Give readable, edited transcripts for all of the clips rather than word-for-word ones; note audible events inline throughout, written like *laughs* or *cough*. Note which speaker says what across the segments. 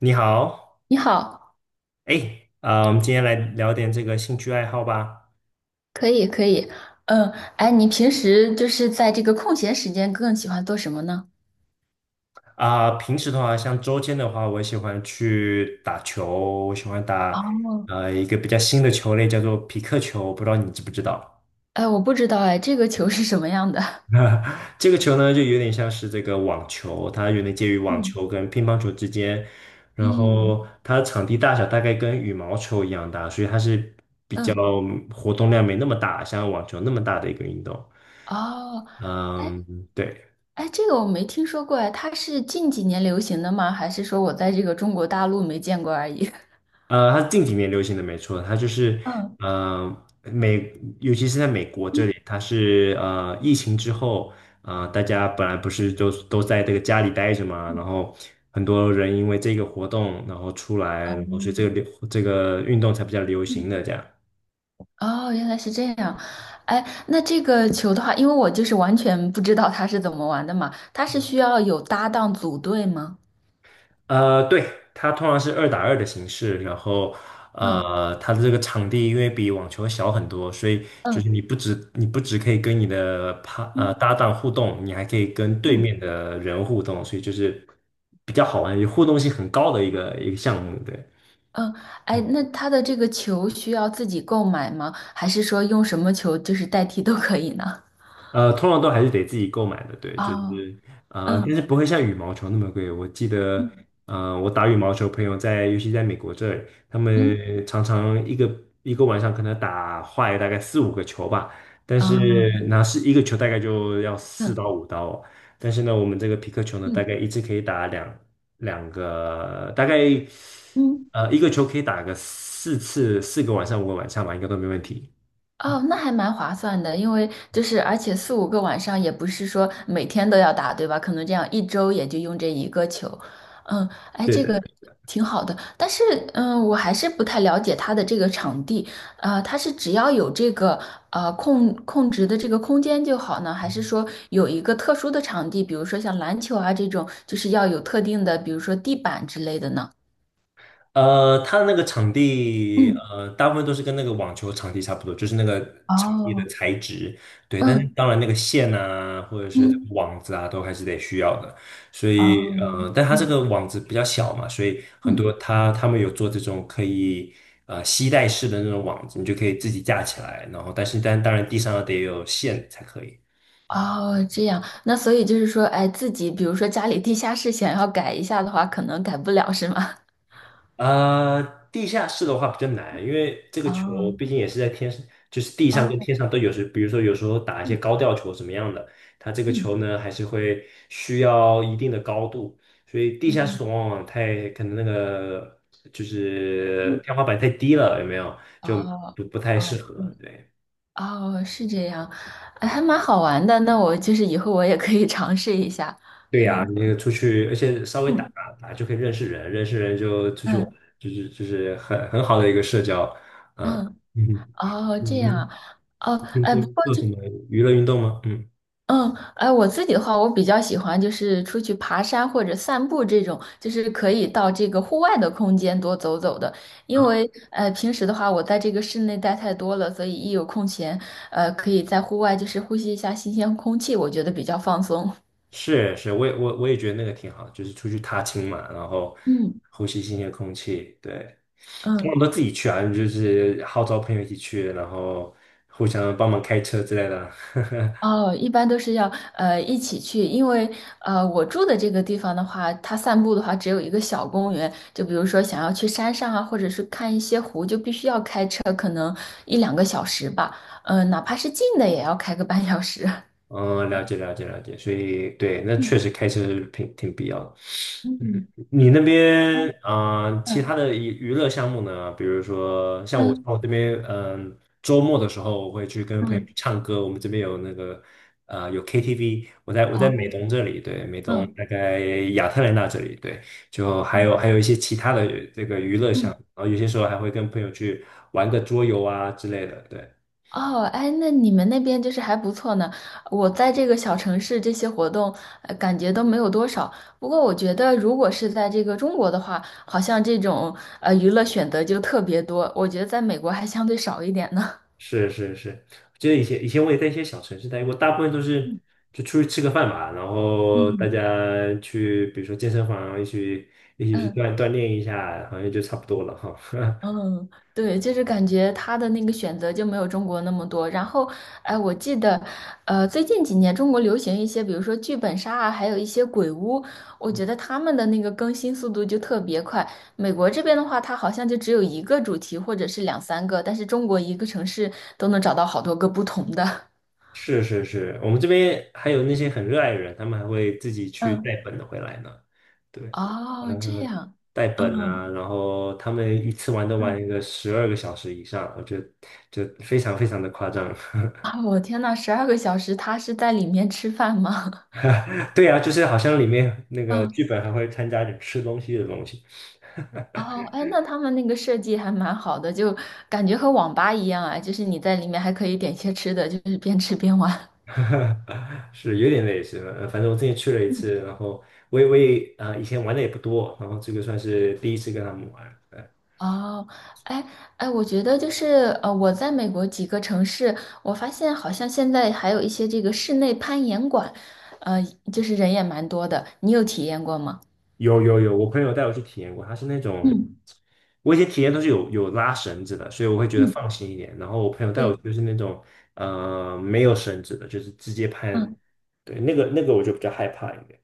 Speaker 1: 你好，
Speaker 2: 你好，
Speaker 1: 哎，啊、我们今天来聊点这个兴趣爱好吧。
Speaker 2: 可以可以，嗯，哎，你平时就是在这个空闲时间更喜欢做什么呢？
Speaker 1: 啊、平时的话，像周间的话，我喜欢去打球，我喜欢打
Speaker 2: 哦，
Speaker 1: 一个比较新的球类，叫做匹克球，不知道你知不知道？
Speaker 2: 哎，我不知道，哎，这个球是什么样的？
Speaker 1: *laughs* 这个球呢，就有点像是这个网球，它有点介于网球跟乒乓球之间，
Speaker 2: *laughs*
Speaker 1: 然
Speaker 2: 嗯
Speaker 1: 后它的场地大小大概跟羽毛球一样大，所以它是比较
Speaker 2: 嗯，
Speaker 1: 活动量没那么大，像网球那么大的一个运动。
Speaker 2: 哦，
Speaker 1: 嗯，对。
Speaker 2: 哎，这个我没听说过，哎，它是近几年流行的吗？还是说我在这个中国大陆没见过而已？*laughs*
Speaker 1: 它是近几年流行的，没错，它就是
Speaker 2: 嗯
Speaker 1: 呃美，尤其是在美国这
Speaker 2: 嗯
Speaker 1: 里，它是疫情之后，大家本来不是都在这个家里待着嘛，然
Speaker 2: 嗯
Speaker 1: 后很多人因为这个活动，然后出来，然后所以这个流这个运动才比较流
Speaker 2: 嗯，
Speaker 1: 行的这样。
Speaker 2: 哦，原来是这样。哎，那这个球的话，因为我就是完全不知道它是怎么玩的嘛，它是需要有搭档组队吗？
Speaker 1: 对，它通常是二打二的形式，然后
Speaker 2: 嗯
Speaker 1: 它的这个场地因为比网球小很多，所以就是
Speaker 2: 嗯
Speaker 1: 你不止可以跟你的
Speaker 2: 嗯
Speaker 1: 搭档互动，你还可以跟对
Speaker 2: 嗯。
Speaker 1: 面的人互动，所以就是比较好玩，也互动性很高的一个项目，对。
Speaker 2: 嗯，哎，那他的这个球需要自己购买吗？还是说用什么球就是代替都可以呢？
Speaker 1: 通常都还是得自己购买的，对，就
Speaker 2: 啊，
Speaker 1: 是但是
Speaker 2: 嗯
Speaker 1: 不会像羽毛球那么贵。我记得，
Speaker 2: 嗯
Speaker 1: 我打羽毛球，朋友在，尤其在美国这里他
Speaker 2: 嗯，
Speaker 1: 们常常一个晚上可能打坏大概4、5个球吧，但是
Speaker 2: 啊，
Speaker 1: 那是一个球大概就要四
Speaker 2: 嗯
Speaker 1: 到五刀哦但是呢，我们这个皮克球呢，大
Speaker 2: 嗯
Speaker 1: 概一次可以打两个，大概
Speaker 2: 嗯。
Speaker 1: 一个球可以打个4次，4个晚上5个晚上吧，应该都没问题。
Speaker 2: 哦，那还蛮划算的，因为就是而且四五个晚上也不是说每天都要打，对吧？可能这样一周也就用这一个球，嗯，哎，
Speaker 1: 对
Speaker 2: 这
Speaker 1: 的。
Speaker 2: 个挺好的。但是，嗯，我还是不太了解它的这个场地，它是只要有这个控制的这个空间就好呢，还是说有一个特殊的场地，比如说像篮球啊这种，就是要有特定的，比如说地板之类的呢？
Speaker 1: 它的那个场地，
Speaker 2: 嗯，
Speaker 1: 大部分都是跟那个网球场地差不多，就是那个场地的
Speaker 2: 哦，
Speaker 1: 材质，对。但是
Speaker 2: 嗯
Speaker 1: 当然，那个线啊，或者是
Speaker 2: 嗯，
Speaker 1: 网子啊，都还是得需要的。所
Speaker 2: 哦，
Speaker 1: 以，但它这
Speaker 2: 嗯
Speaker 1: 个网子比较小嘛，所以很
Speaker 2: 嗯。
Speaker 1: 多他们有做这种可以吸带式的那种网子，你就可以自己架起来。然后，但当然地上得有线才可以。
Speaker 2: 哦，这样，那所以就是说，哎，自己比如说家里地下室想要改一下的话，可能改不了，是吗？
Speaker 1: 呃，地下室的话比较难，因为这
Speaker 2: *laughs*
Speaker 1: 个球
Speaker 2: 哦，
Speaker 1: 毕竟也是在天上，就是地上
Speaker 2: 哦，
Speaker 1: 跟天上都有时，比如说有时候打一些
Speaker 2: 嗯
Speaker 1: 高吊球怎么样的，它这个
Speaker 2: 嗯
Speaker 1: 球呢还是会需要一定的高度，所以地下
Speaker 2: 嗯
Speaker 1: 室往往太可能那个就
Speaker 2: 嗯，
Speaker 1: 是天花板太低了，有没有？就
Speaker 2: 哦
Speaker 1: 不太适
Speaker 2: 哦，对，
Speaker 1: 合。对
Speaker 2: 哦，是这样，哎还蛮好玩的。那我就是以后我也可以尝试一下。
Speaker 1: 对呀，
Speaker 2: 嗯
Speaker 1: 你那个出去，而且稍微打
Speaker 2: 嗯
Speaker 1: 打就可以认识人，认识人就出去玩，
Speaker 2: 嗯
Speaker 1: 就是很好的一个社交，嗯
Speaker 2: 嗯，
Speaker 1: 嗯。*laughs*
Speaker 2: 哦，这样，
Speaker 1: 嗯。
Speaker 2: 哦，
Speaker 1: 平
Speaker 2: 哎，
Speaker 1: 时
Speaker 2: 不过
Speaker 1: 做
Speaker 2: 就
Speaker 1: 什么娱乐运动吗？嗯
Speaker 2: 嗯，哎，我自己的话，我比较喜欢就是出去爬山或者散步这种，就是可以到这个户外的空间多走走的。因
Speaker 1: 啊，
Speaker 2: 为平时的话，我在这个室内待太多了，所以一有空闲，可以在户外就是呼吸一下新鲜空气，我觉得比较放松。
Speaker 1: 是是，我也觉得那个挺好，就是出去踏青嘛，然后
Speaker 2: 嗯
Speaker 1: 呼吸新鲜空气。对，通
Speaker 2: 嗯。
Speaker 1: 常都自己去啊，就是号召朋友一起去，然后互相帮忙开车之类的啊。*laughs*
Speaker 2: 哦，一般都是要一起去，因为我住的这个地方的话，它散步的话只有一个小公园，就比如说想要去山上啊，或者是看一些湖，就必须要开车，可能一两个小时吧，嗯、哪怕是近的也要开个半小时。
Speaker 1: 嗯，了解了解了解，所以对，那
Speaker 2: *laughs* 嗯
Speaker 1: 确实开车是挺必要的。嗯
Speaker 2: 嗯
Speaker 1: 你那边啊、其
Speaker 2: 嗯
Speaker 1: 他的娱乐项目呢？比如说像我，像
Speaker 2: 嗯
Speaker 1: 我这边，嗯、周末的时候我会去跟
Speaker 2: 嗯
Speaker 1: 朋友
Speaker 2: 嗯。
Speaker 1: 去唱歌。我们这边有那个呃有 KTV，我在美
Speaker 2: 哦
Speaker 1: 东这里，对，美东
Speaker 2: 嗯
Speaker 1: 大概亚特兰大这里，对，就还有一些其他的这个娱乐项
Speaker 2: 嗯
Speaker 1: 目，然后有些时候还会跟朋友去玩个桌游啊之类的，对。
Speaker 2: 哦，哎，那你们那边就是还不错呢。我在这个小城市，这些活动，感觉都没有多少。不过我觉得，如果是在这个中国的话，好像这种娱乐选择就特别多。我觉得在美国还相对少一点呢。
Speaker 1: 是是是，就记得以前我也在一些小城市待过，大部分都是
Speaker 2: 嗯
Speaker 1: 就出去吃个饭嘛，然后大
Speaker 2: 嗯，
Speaker 1: 家去比如说健身房一起去
Speaker 2: 嗯。
Speaker 1: 锻炼一下，好像就差不多了哈。*laughs*
Speaker 2: 嗯，对，就是感觉他的那个选择就没有中国那么多。然后，哎，我记得，最近几年中国流行一些，比如说剧本杀啊，还有一些鬼屋，我觉得他们的那个更新速度就特别快。美国这边的话，它好像就只有一个主题或者是两三个，但是中国一个城市都能找到好多个不同的
Speaker 1: 是是是，我们这边还有那些很热爱的人，他们还会自己
Speaker 2: *laughs*。
Speaker 1: 去带
Speaker 2: 嗯，
Speaker 1: 本的回来呢。对，
Speaker 2: 哦，这样，
Speaker 1: 带本啊，
Speaker 2: 嗯
Speaker 1: 然后他们一次玩都
Speaker 2: 嗯，
Speaker 1: 玩一个12个小时以上，我觉得就非常非常的夸张。
Speaker 2: 啊，我天呐，12个小时，他是在里面吃饭吗？
Speaker 1: *laughs* 对啊，就是好像里面那
Speaker 2: *laughs*
Speaker 1: 个
Speaker 2: 嗯。
Speaker 1: 剧本还会参加点吃东西的东西。
Speaker 2: 哦，哎，那他们那个设计还蛮好的，就感觉和网吧一样啊，就是你在里面还可以点些吃的，就是边吃边玩。*laughs*
Speaker 1: *laughs* 是有点类似，反正我之前去了一次，然后我也以前玩的也不多，然后这个算是第一次跟他们玩。呃
Speaker 2: 哦，哎哎，我觉得就是我在美国几个城市，我发现好像现在还有一些这个室内攀岩馆，呃，就是人也蛮多的，你有体验过吗？
Speaker 1: 有有有，我朋友带我去体验过，他是那种
Speaker 2: 嗯
Speaker 1: 我以前体验都是有拉绳子的，所以我会觉得
Speaker 2: 嗯，
Speaker 1: 放心一点。然后我朋友带我
Speaker 2: 对，
Speaker 1: 去就是那种没有绳子的，就是直接攀，
Speaker 2: 嗯。
Speaker 1: 对，那个我就比较害怕一点。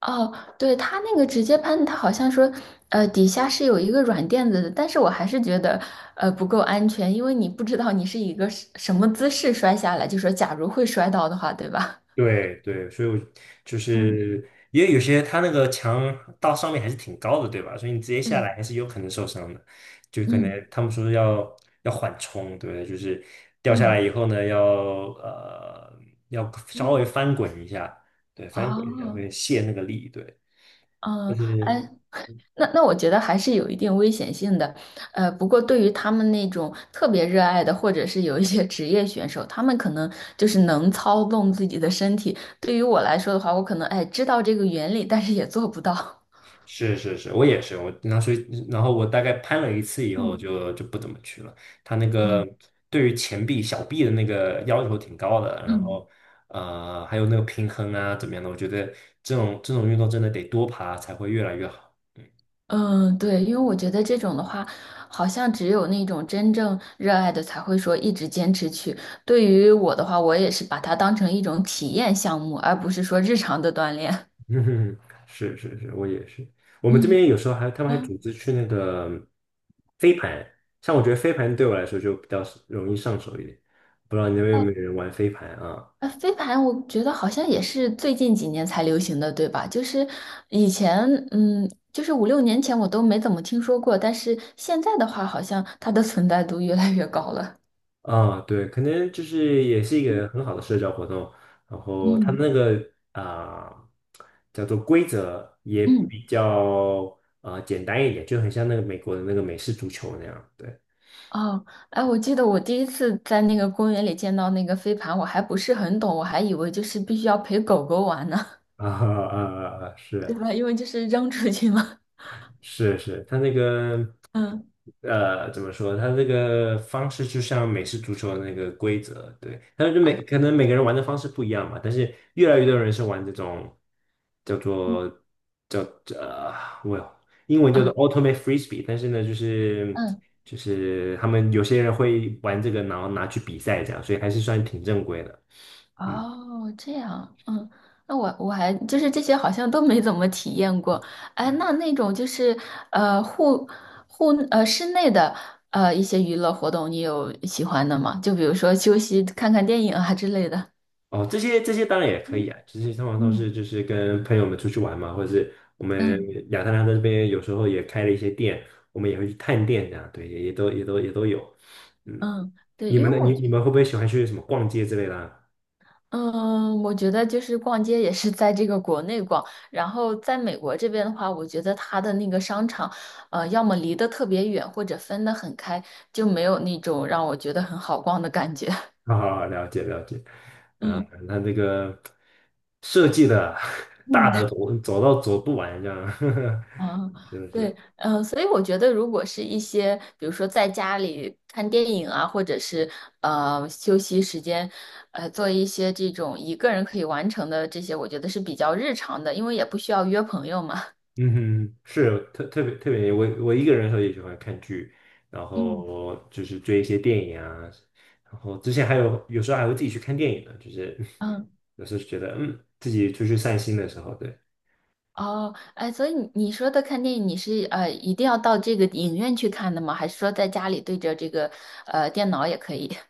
Speaker 2: 哦，对，它那个直接喷，它好像说，底下是有一个软垫子的，但是我还是觉得，不够安全，因为你不知道你是以一个什么姿势摔下来，就说假如会摔到的话，对吧？
Speaker 1: 对对，所以我就
Speaker 2: 嗯，
Speaker 1: 是因为有些它那个墙到上面还是挺高的，对吧？所以你直接
Speaker 2: *laughs*
Speaker 1: 下
Speaker 2: 对，
Speaker 1: 来还是有可能受伤的，就可
Speaker 2: 嗯
Speaker 1: 能他们说要缓冲，对不对？就是掉下
Speaker 2: 嗯
Speaker 1: 来以后呢，要呃稍
Speaker 2: 嗯，
Speaker 1: 微翻滚一下，对，翻滚一下
Speaker 2: 哦，
Speaker 1: 会泄那个力，对。就
Speaker 2: 嗯，
Speaker 1: 是。
Speaker 2: 哎，那我觉得还是有一定危险性的，不过对于他们那种特别热爱的，或者是有一些职业选手，他们可能就是能操纵自己的身体。对于我来说的话，我可能哎知道这个原理，但是也做不到。
Speaker 1: 是是是，我也是，我所以然后我大概攀了一次以后
Speaker 2: 嗯
Speaker 1: 就不怎么去了。他那个
Speaker 2: 嗯
Speaker 1: 对于前臂、小臂的那个要求挺高的，然
Speaker 2: 嗯，
Speaker 1: 后还有那个平衡啊怎么样的，我觉得这种运动真的得多爬才会越来越好。
Speaker 2: 嗯对，因为我觉得这种的话，好像只有那种真正热爱的才会说一直坚持去。对于我的话，我也是把它当成一种体验项目，而不是说日常的锻炼。
Speaker 1: 嗯，*laughs* 是是是，我也是。我们这
Speaker 2: 嗯。
Speaker 1: 边有时候他们还
Speaker 2: 嗯
Speaker 1: 组织去那个飞盘，像我觉得飞盘对我来说就比较容易上手一点，不知道你那边有没有人玩飞盘啊？
Speaker 2: 飞盘我觉得好像也是最近几年才流行的，对吧？就是以前，嗯，就是五六年前我都没怎么听说过，但是现在的话，好像它的存在度越来越高了。
Speaker 1: 啊，对，可能就是也是一个很好的社交活动，然后它
Speaker 2: 嗯
Speaker 1: 那个叫做规则也
Speaker 2: 嗯
Speaker 1: 比较简单一点，就很像那个美国的那个美式足球那样，对
Speaker 2: 哦，哎，我记得我第一次在那个公园里见到那个飞盘，我还不是很懂，我还以为就是必须要陪狗狗玩呢，
Speaker 1: *laughs* 啊啊啊，啊
Speaker 2: *laughs* 对
Speaker 1: 是
Speaker 2: 吧？因为就是扔出去嘛。
Speaker 1: 是是，他那个
Speaker 2: 嗯
Speaker 1: 怎么说？它这个方式就像美式足球的那个规则，对。但是可能每个人玩的方式不一样嘛，但是越来越多人是玩这种叫
Speaker 2: 嗯，
Speaker 1: 做叫呃，我英文叫做
Speaker 2: 啊
Speaker 1: ultimate frisbee，但是呢，就是
Speaker 2: 嗯。
Speaker 1: 就是他们有些人会玩这个，然后拿去比赛这样，所以还是算挺正规的。嗯。
Speaker 2: 哦，这样，嗯，那我我还就是这些好像都没怎么体验过。哎，那种就是呃户户呃室内的一些娱乐活动，你有喜欢的吗？就比如说休息、看看电影啊之类的。
Speaker 1: 哦，这些当然也可以啊，这些通常都是
Speaker 2: 嗯
Speaker 1: 就是跟朋友们出去玩嘛，或者是我们
Speaker 2: 嗯
Speaker 1: 亚特兰大这边有时候也开了一些店，我们也会去探店这样，对，也都有。嗯，
Speaker 2: 嗯，对，
Speaker 1: 你
Speaker 2: 因
Speaker 1: 们
Speaker 2: 为
Speaker 1: 呢？你你们会不会喜欢去什么逛街之类的啊？
Speaker 2: 我觉得就是逛街也是在这个国内逛，然后在美国这边的话，我觉得它的那个商场，要么离得特别远，或者分得很开，就没有那种让我觉得很好逛的感觉。*laughs*
Speaker 1: *laughs* 好好好，了解了解。啊，
Speaker 2: 嗯
Speaker 1: 那这个设计的 *laughs* 大的
Speaker 2: 嗯。
Speaker 1: 走走到走不完这样，
Speaker 2: 啊，
Speaker 1: *laughs* 是不是？
Speaker 2: 对，嗯，所以我觉得，如果是一些，比如说在家里看电影啊，或者是休息时间，做一些这种一个人可以完成的这些，我觉得是比较日常的，因为也不需要约朋友嘛。
Speaker 1: 嗯哼，是特别特别，我一个人的时候也喜欢看剧，然
Speaker 2: 嗯
Speaker 1: 后就是追一些电影啊，然后之前还有时候还会自己去看电影呢，就是
Speaker 2: 嗯。
Speaker 1: 有时候觉得自己出去散心的时候，对，
Speaker 2: 哦，哎，所以你说的看电影，你是一定要到这个影院去看的吗？还是说在家里对着这个电脑也可以？*laughs*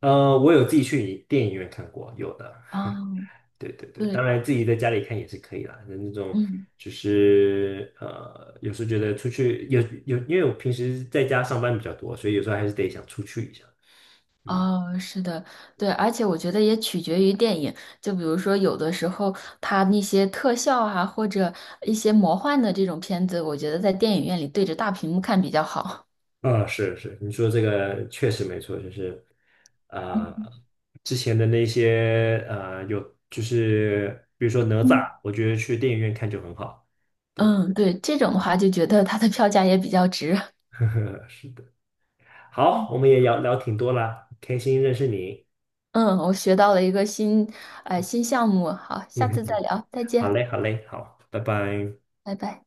Speaker 1: 我有自己去电影院看过，有的，
Speaker 2: 哦，
Speaker 1: 对对对，
Speaker 2: 对，
Speaker 1: 当然自己在家里看也是可以啦，那种
Speaker 2: 嗯，
Speaker 1: 就是有时候觉得出去有，因为我平时在家上班比较多，所以有时候还是得想出去一下，嗯。
Speaker 2: 哦，是的，对，而且我觉得也取决于电影，就比如说有的时候它那些特效啊，或者一些魔幻的这种片子，我觉得在电影院里对着大屏幕看比较好。
Speaker 1: 嗯，是是，你说这个确实没错，就是啊、呃之前的那些，就是比如说哪
Speaker 2: 嗯，
Speaker 1: 吒，我觉得去电影院看就很好。
Speaker 2: 嗯，对，这种的话就觉得它的票价也比较值。
Speaker 1: *laughs* 是的，好，我们也聊聊挺多啦，开心认识你。
Speaker 2: 嗯，我学到了一个新项目。好，下
Speaker 1: *laughs*
Speaker 2: 次再聊，再
Speaker 1: 好
Speaker 2: 见，
Speaker 1: 嘞，好嘞，好，拜拜。
Speaker 2: 拜拜。